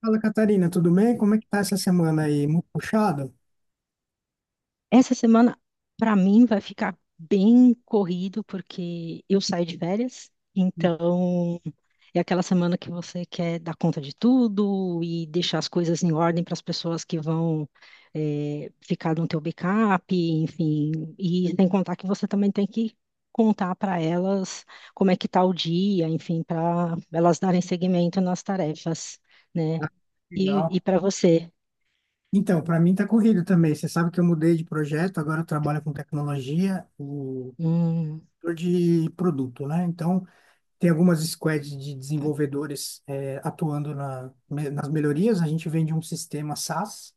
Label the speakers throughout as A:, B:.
A: Fala, Catarina, tudo bem? Como é que tá essa semana aí? Muito puxado?
B: Essa semana, para mim, vai ficar bem corrido, porque eu saio de férias, então é aquela semana que você quer dar conta de tudo e deixar as coisas em ordem para as pessoas que vão ficar no teu backup, enfim, e sem contar que você também tem que contar para elas como é que tá o dia, enfim, para elas darem seguimento nas tarefas, né? E,
A: Legal.
B: e para você?
A: Então, para mim tá corrido também. Você sabe que eu mudei de projeto, agora eu trabalho com tecnologia, o
B: Hum,
A: setor de produto, né? Então, tem algumas squads de desenvolvedores atuando nas melhorias. A gente vende um sistema SaaS.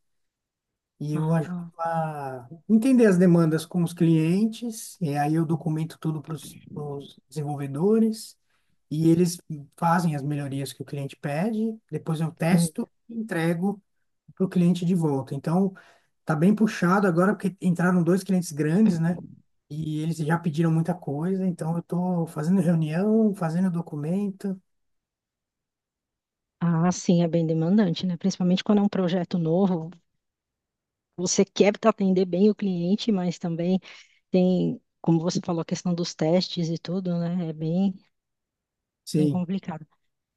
A: E eu ajudo
B: ah,
A: a entender as demandas com os clientes, e aí eu documento tudo para os desenvolvedores, e eles fazem as melhorias que o cliente pede, depois eu
B: hum.
A: testo e entrego para o cliente de volta. Então, tá bem puxado agora, porque entraram dois clientes grandes, né? E eles já pediram muita coisa, então eu estou fazendo reunião, fazendo documento.
B: Ah, sim, é bem demandante, né? Principalmente quando é um projeto novo, você quer atender bem o cliente, mas também tem, como você falou, a questão dos testes e tudo, né? É bem, bem
A: Sim.
B: complicado.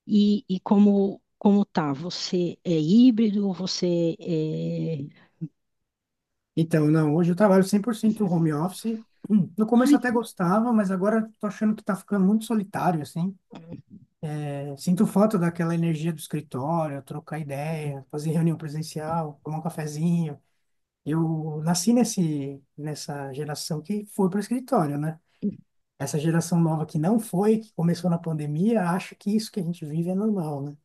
B: E como tá? Você é híbrido? Você é...
A: Então, não, hoje eu trabalho 100% home office. No começo
B: Ai,
A: eu até gostava, mas agora tô achando que tá ficando muito solitário, assim. É, sinto falta daquela energia do escritório, trocar ideia, fazer reunião presencial, tomar um cafezinho. Eu nasci nessa geração que foi para escritório, né? Essa geração nova que não foi, que começou na pandemia, acha que isso que a gente vive é normal, né?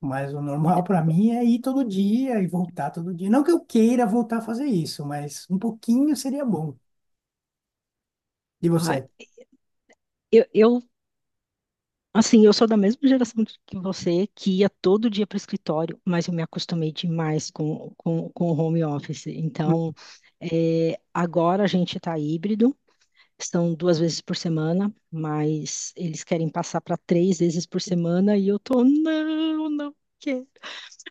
A: Mas o normal para mim é ir todo dia e voltar todo dia. Não que eu queira voltar a fazer isso, mas um pouquinho seria bom. E
B: ah,
A: você?
B: eu, eu, assim, eu sou da mesma geração que você, que ia todo dia para o escritório, mas eu me acostumei demais com, com o home office. Então, é, agora a gente está híbrido. São duas vezes por semana, mas eles querem passar para três vezes por semana e eu tô, não, não quero.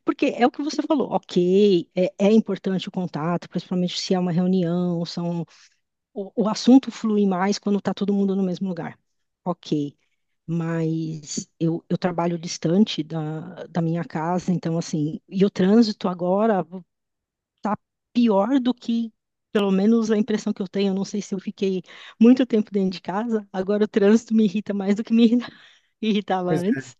B: Porque é o que você falou, ok, é, é importante o contato, principalmente se é uma reunião, são, o assunto flui mais quando tá todo mundo no mesmo lugar. Ok. Mas eu trabalho distante da minha casa, então, assim, e o trânsito agora, tá pior do que, pelo menos a impressão que eu tenho, eu não sei se eu fiquei muito tempo dentro de casa, agora o trânsito me irrita mais do que irritava
A: Pois é.
B: antes.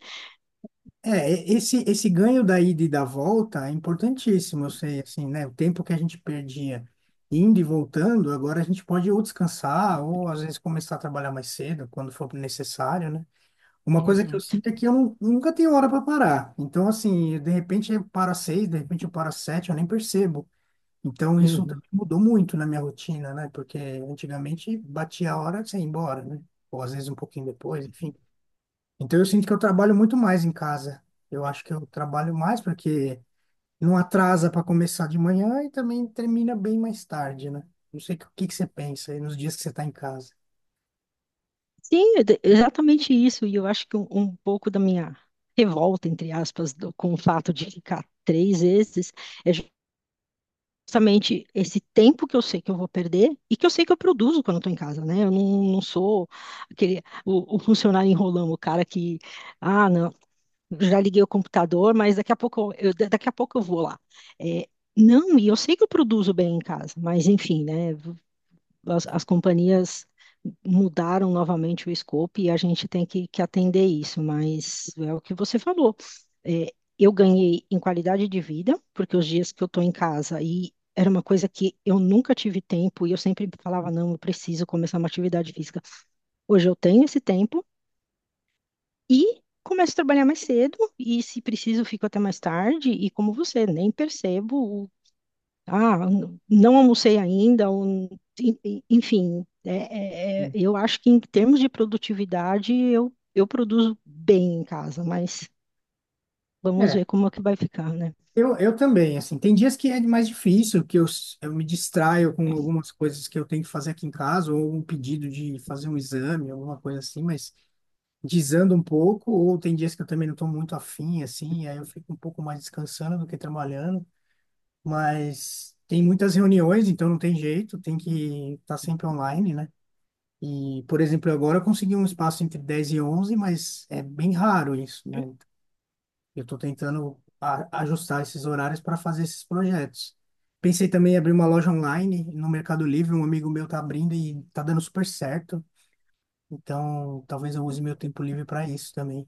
A: É, esse ganho da ida e da volta é importantíssimo, eu sei, assim, né? O tempo que a gente perdia indo e voltando, agora a gente pode ou descansar, ou às vezes começar a trabalhar mais cedo, quando for necessário, né? Uma coisa que eu
B: Exato.
A: sinto é que eu nunca tenho hora para parar. Então, assim, de repente eu paro às seis, de repente eu paro às sete, eu nem percebo. Então, isso
B: Uhum.
A: também mudou muito na minha rotina, né? Porque antigamente batia a hora e você ia embora, né? Ou às vezes um pouquinho depois, enfim. Então eu sinto que eu trabalho muito mais em casa. Eu acho que eu trabalho mais porque não atrasa para começar de manhã e também termina bem mais tarde, né? Não sei o que que você pensa aí nos dias que você está em casa.
B: Sim, é exatamente isso, e eu acho que um pouco da minha revolta, entre aspas, com o fato de ficar três vezes, é justamente esse tempo que eu sei que eu vou perder e que eu sei que eu produzo quando eu estou em casa, né? Eu não, não sou aquele, o funcionário enrolando, o cara que... Ah, não. Já liguei o computador, mas daqui a pouco daqui a pouco eu vou lá. É, não, e eu sei que eu produzo bem em casa, mas enfim, né? As companhias mudaram novamente o escopo e a gente tem que atender isso, mas é o que você falou. É, eu ganhei em qualidade de vida, porque os dias que eu estou em casa e era uma coisa que eu nunca tive tempo e eu sempre falava, não, eu preciso começar uma atividade física. Hoje eu tenho esse tempo, e começo a trabalhar mais cedo, e se preciso, fico até mais tarde, e como você, nem percebo, o- ah, não almocei ainda, ou enfim, é, eu acho que em termos de produtividade, eu produzo bem em casa, mas vamos
A: É,
B: ver como é que vai ficar, né?
A: eu também, assim, tem dias que é mais difícil, que eu me distraio com algumas coisas que eu tenho que fazer aqui em casa, ou um pedido de fazer um exame, alguma coisa assim, mas desando um pouco, ou tem dias que eu também não estou muito afim, assim, e aí eu fico um pouco mais descansando do que trabalhando. Mas tem muitas reuniões, então não tem jeito, tem que estar sempre online, né? E, por exemplo, agora eu consegui um espaço entre 10 e onze, mas é bem raro isso, né? Eu estou tentando ajustar esses horários para fazer esses projetos. Pensei também em abrir uma loja online no Mercado Livre, um amigo meu está abrindo e está dando super certo. Então, talvez eu use meu tempo livre para isso também.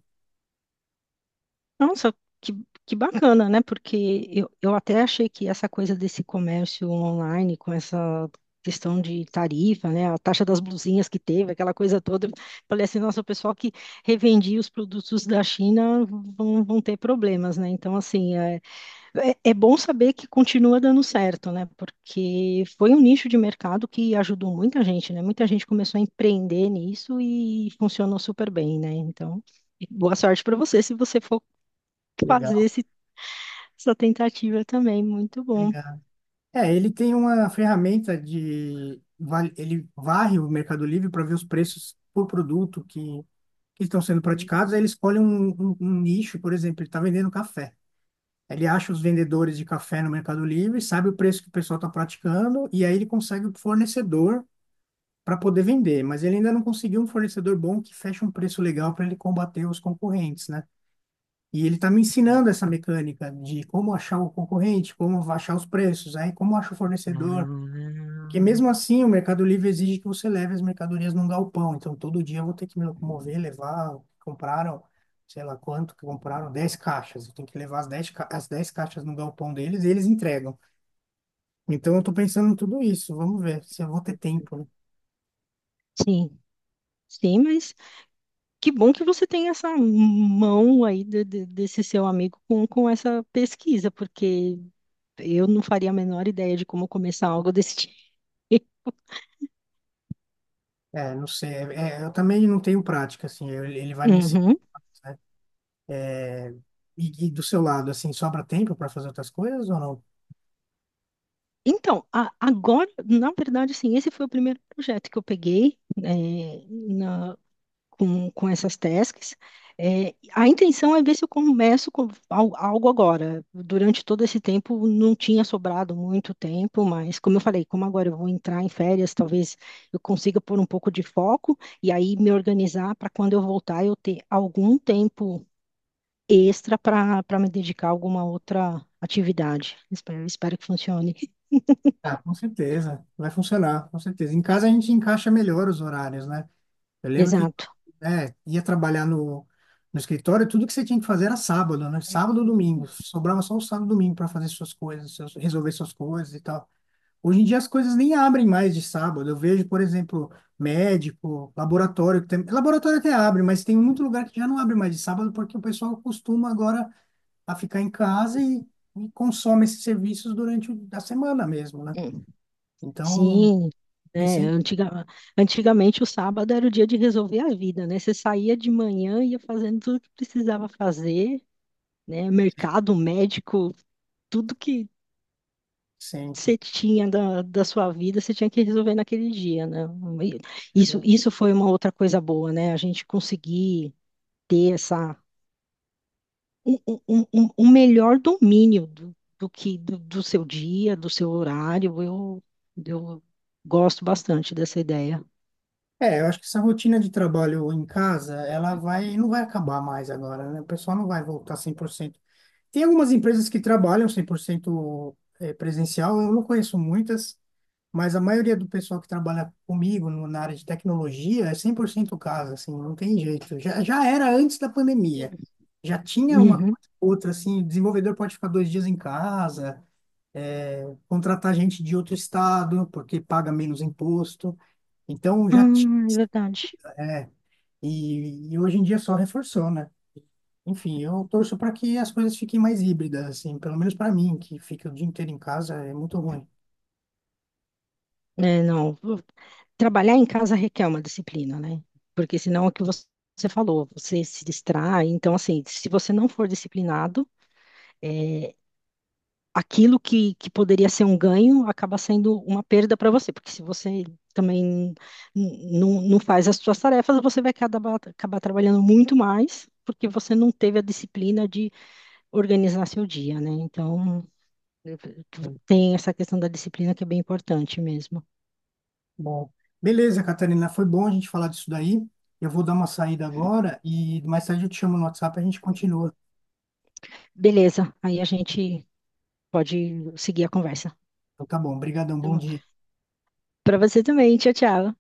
B: Nossa, que, que bacana, né? Porque eu até achei que essa coisa desse comércio online, com essa questão de tarifa, né? A taxa das blusinhas que teve, aquela coisa toda. Eu Falei assim, nossa, o pessoal que revendia os produtos da China vão, vão ter problemas, né? Então, assim, é bom saber que continua dando certo, né? Porque foi um nicho de mercado que ajudou muita gente, né? Muita gente começou a empreender nisso e funcionou super bem, né? Então, boa sorte para você se você for fazer
A: Legal.
B: essa tentativa também, muito bom.
A: Obrigado. É, ele tem uma ferramenta. Ele varre o Mercado Livre para ver os preços por produto que estão sendo praticados. Aí ele escolhe um nicho, por exemplo, ele está vendendo café. Ele acha os vendedores de café no Mercado Livre, sabe o preço que o pessoal está praticando, e aí ele consegue o fornecedor para poder vender. Mas ele ainda não conseguiu um fornecedor bom que feche um preço legal para ele combater os concorrentes, né? E ele está me ensinando essa mecânica de como achar o concorrente, como achar os preços, aí como acha o fornecedor. Porque mesmo assim, o Mercado Livre exige que você leve as mercadorias num galpão. Então, todo dia eu vou ter que me locomover, levar. Compraram, sei lá quanto que compraram, 10 caixas. Eu tenho que levar as 10 caixas no galpão deles e eles entregam. Então, eu tô pensando em tudo isso. Vamos ver se eu vou ter tempo, né?
B: Sim, sim, mas que bom que você tem essa mão aí desse seu amigo com essa pesquisa, porque eu não faria a menor ideia de como começar algo desse tipo.
A: É, não sei. É, é, eu também não tenho prática, assim. Ele vai me ensinar,
B: Uhum.
A: né? E do seu lado, assim, sobra tempo para fazer outras coisas ou não?
B: Então, agora, na verdade, assim, esse foi o primeiro projeto que eu peguei, com essas tasks. É, a intenção é ver se eu começo com algo agora. Durante todo esse tempo não tinha sobrado muito tempo, mas como eu falei, como agora eu vou entrar em férias, talvez eu consiga pôr um pouco de foco e aí me organizar para quando eu voltar eu ter algum tempo extra para me dedicar a alguma outra atividade. Espero, espero que funcione.
A: Ah, com certeza. Vai funcionar, com certeza. Em casa a gente encaixa melhor os horários, né? Eu lembro que
B: Exato.
A: ia trabalhar no escritório, tudo que você tinha que fazer era sábado, né? Sábado, ou domingo. Sobrava só o sábado, e domingo para fazer suas coisas, resolver suas coisas e tal. Hoje em dia as coisas nem abrem mais de sábado. Eu vejo, por exemplo, médico, laboratório, que tem, laboratório até abre, mas tem muito lugar que já não abre mais de sábado porque o pessoal costuma agora a ficar em casa e, consome esses serviços durante a semana mesmo, né? Então,
B: Sim, né?
A: pensei,
B: Antigamente o sábado era o dia de resolver a vida, né? Você saía de manhã, ia fazendo tudo que precisava fazer, né?
A: sim,
B: Mercado, médico, tudo que
A: sim.
B: você tinha da sua vida, você tinha que resolver naquele dia, né? E isso foi uma outra coisa boa, né? A gente conseguir ter essa um melhor domínio do seu dia, do seu horário. Eu gosto bastante dessa ideia.
A: É, eu acho que essa rotina de trabalho em casa, ela vai, não vai acabar mais agora, né? O pessoal não vai voltar 100%. Tem algumas empresas que trabalham 100% presencial, eu não conheço muitas, mas a maioria do pessoal que trabalha comigo na área de tecnologia é 100% casa, assim, não tem jeito. Já era antes da pandemia. Já tinha uma
B: Uhum.
A: coisa ou outra, assim, o desenvolvedor pode ficar 2 dias em casa, contratar gente de outro estado, porque paga menos imposto. Então, já tinha.
B: Ah, é verdade.
A: E hoje em dia só reforçou, né? Enfim, eu torço para que as coisas fiquem mais híbridas, assim, pelo menos para mim, que fica o dia inteiro em casa, é muito ruim.
B: É, não. Trabalhar em casa requer uma disciplina, né? Porque senão é o que você falou, você se distrai. Então, assim, se você não for disciplinado, é, aquilo que poderia ser um ganho acaba sendo uma perda para você. Porque se você também não não faz as suas tarefas, você vai acabar trabalhando muito mais, porque você não teve a disciplina de organizar seu dia, né? Então, tem essa questão da disciplina que é bem importante mesmo.
A: Bom, beleza, Catarina, foi bom a gente falar disso daí. Eu vou dar uma saída agora e mais tarde eu te chamo no WhatsApp e a gente continua.
B: Beleza, aí a gente pode seguir a conversa.
A: Então tá bom, brigadão, bom dia.
B: Para você também, tchau, tchau.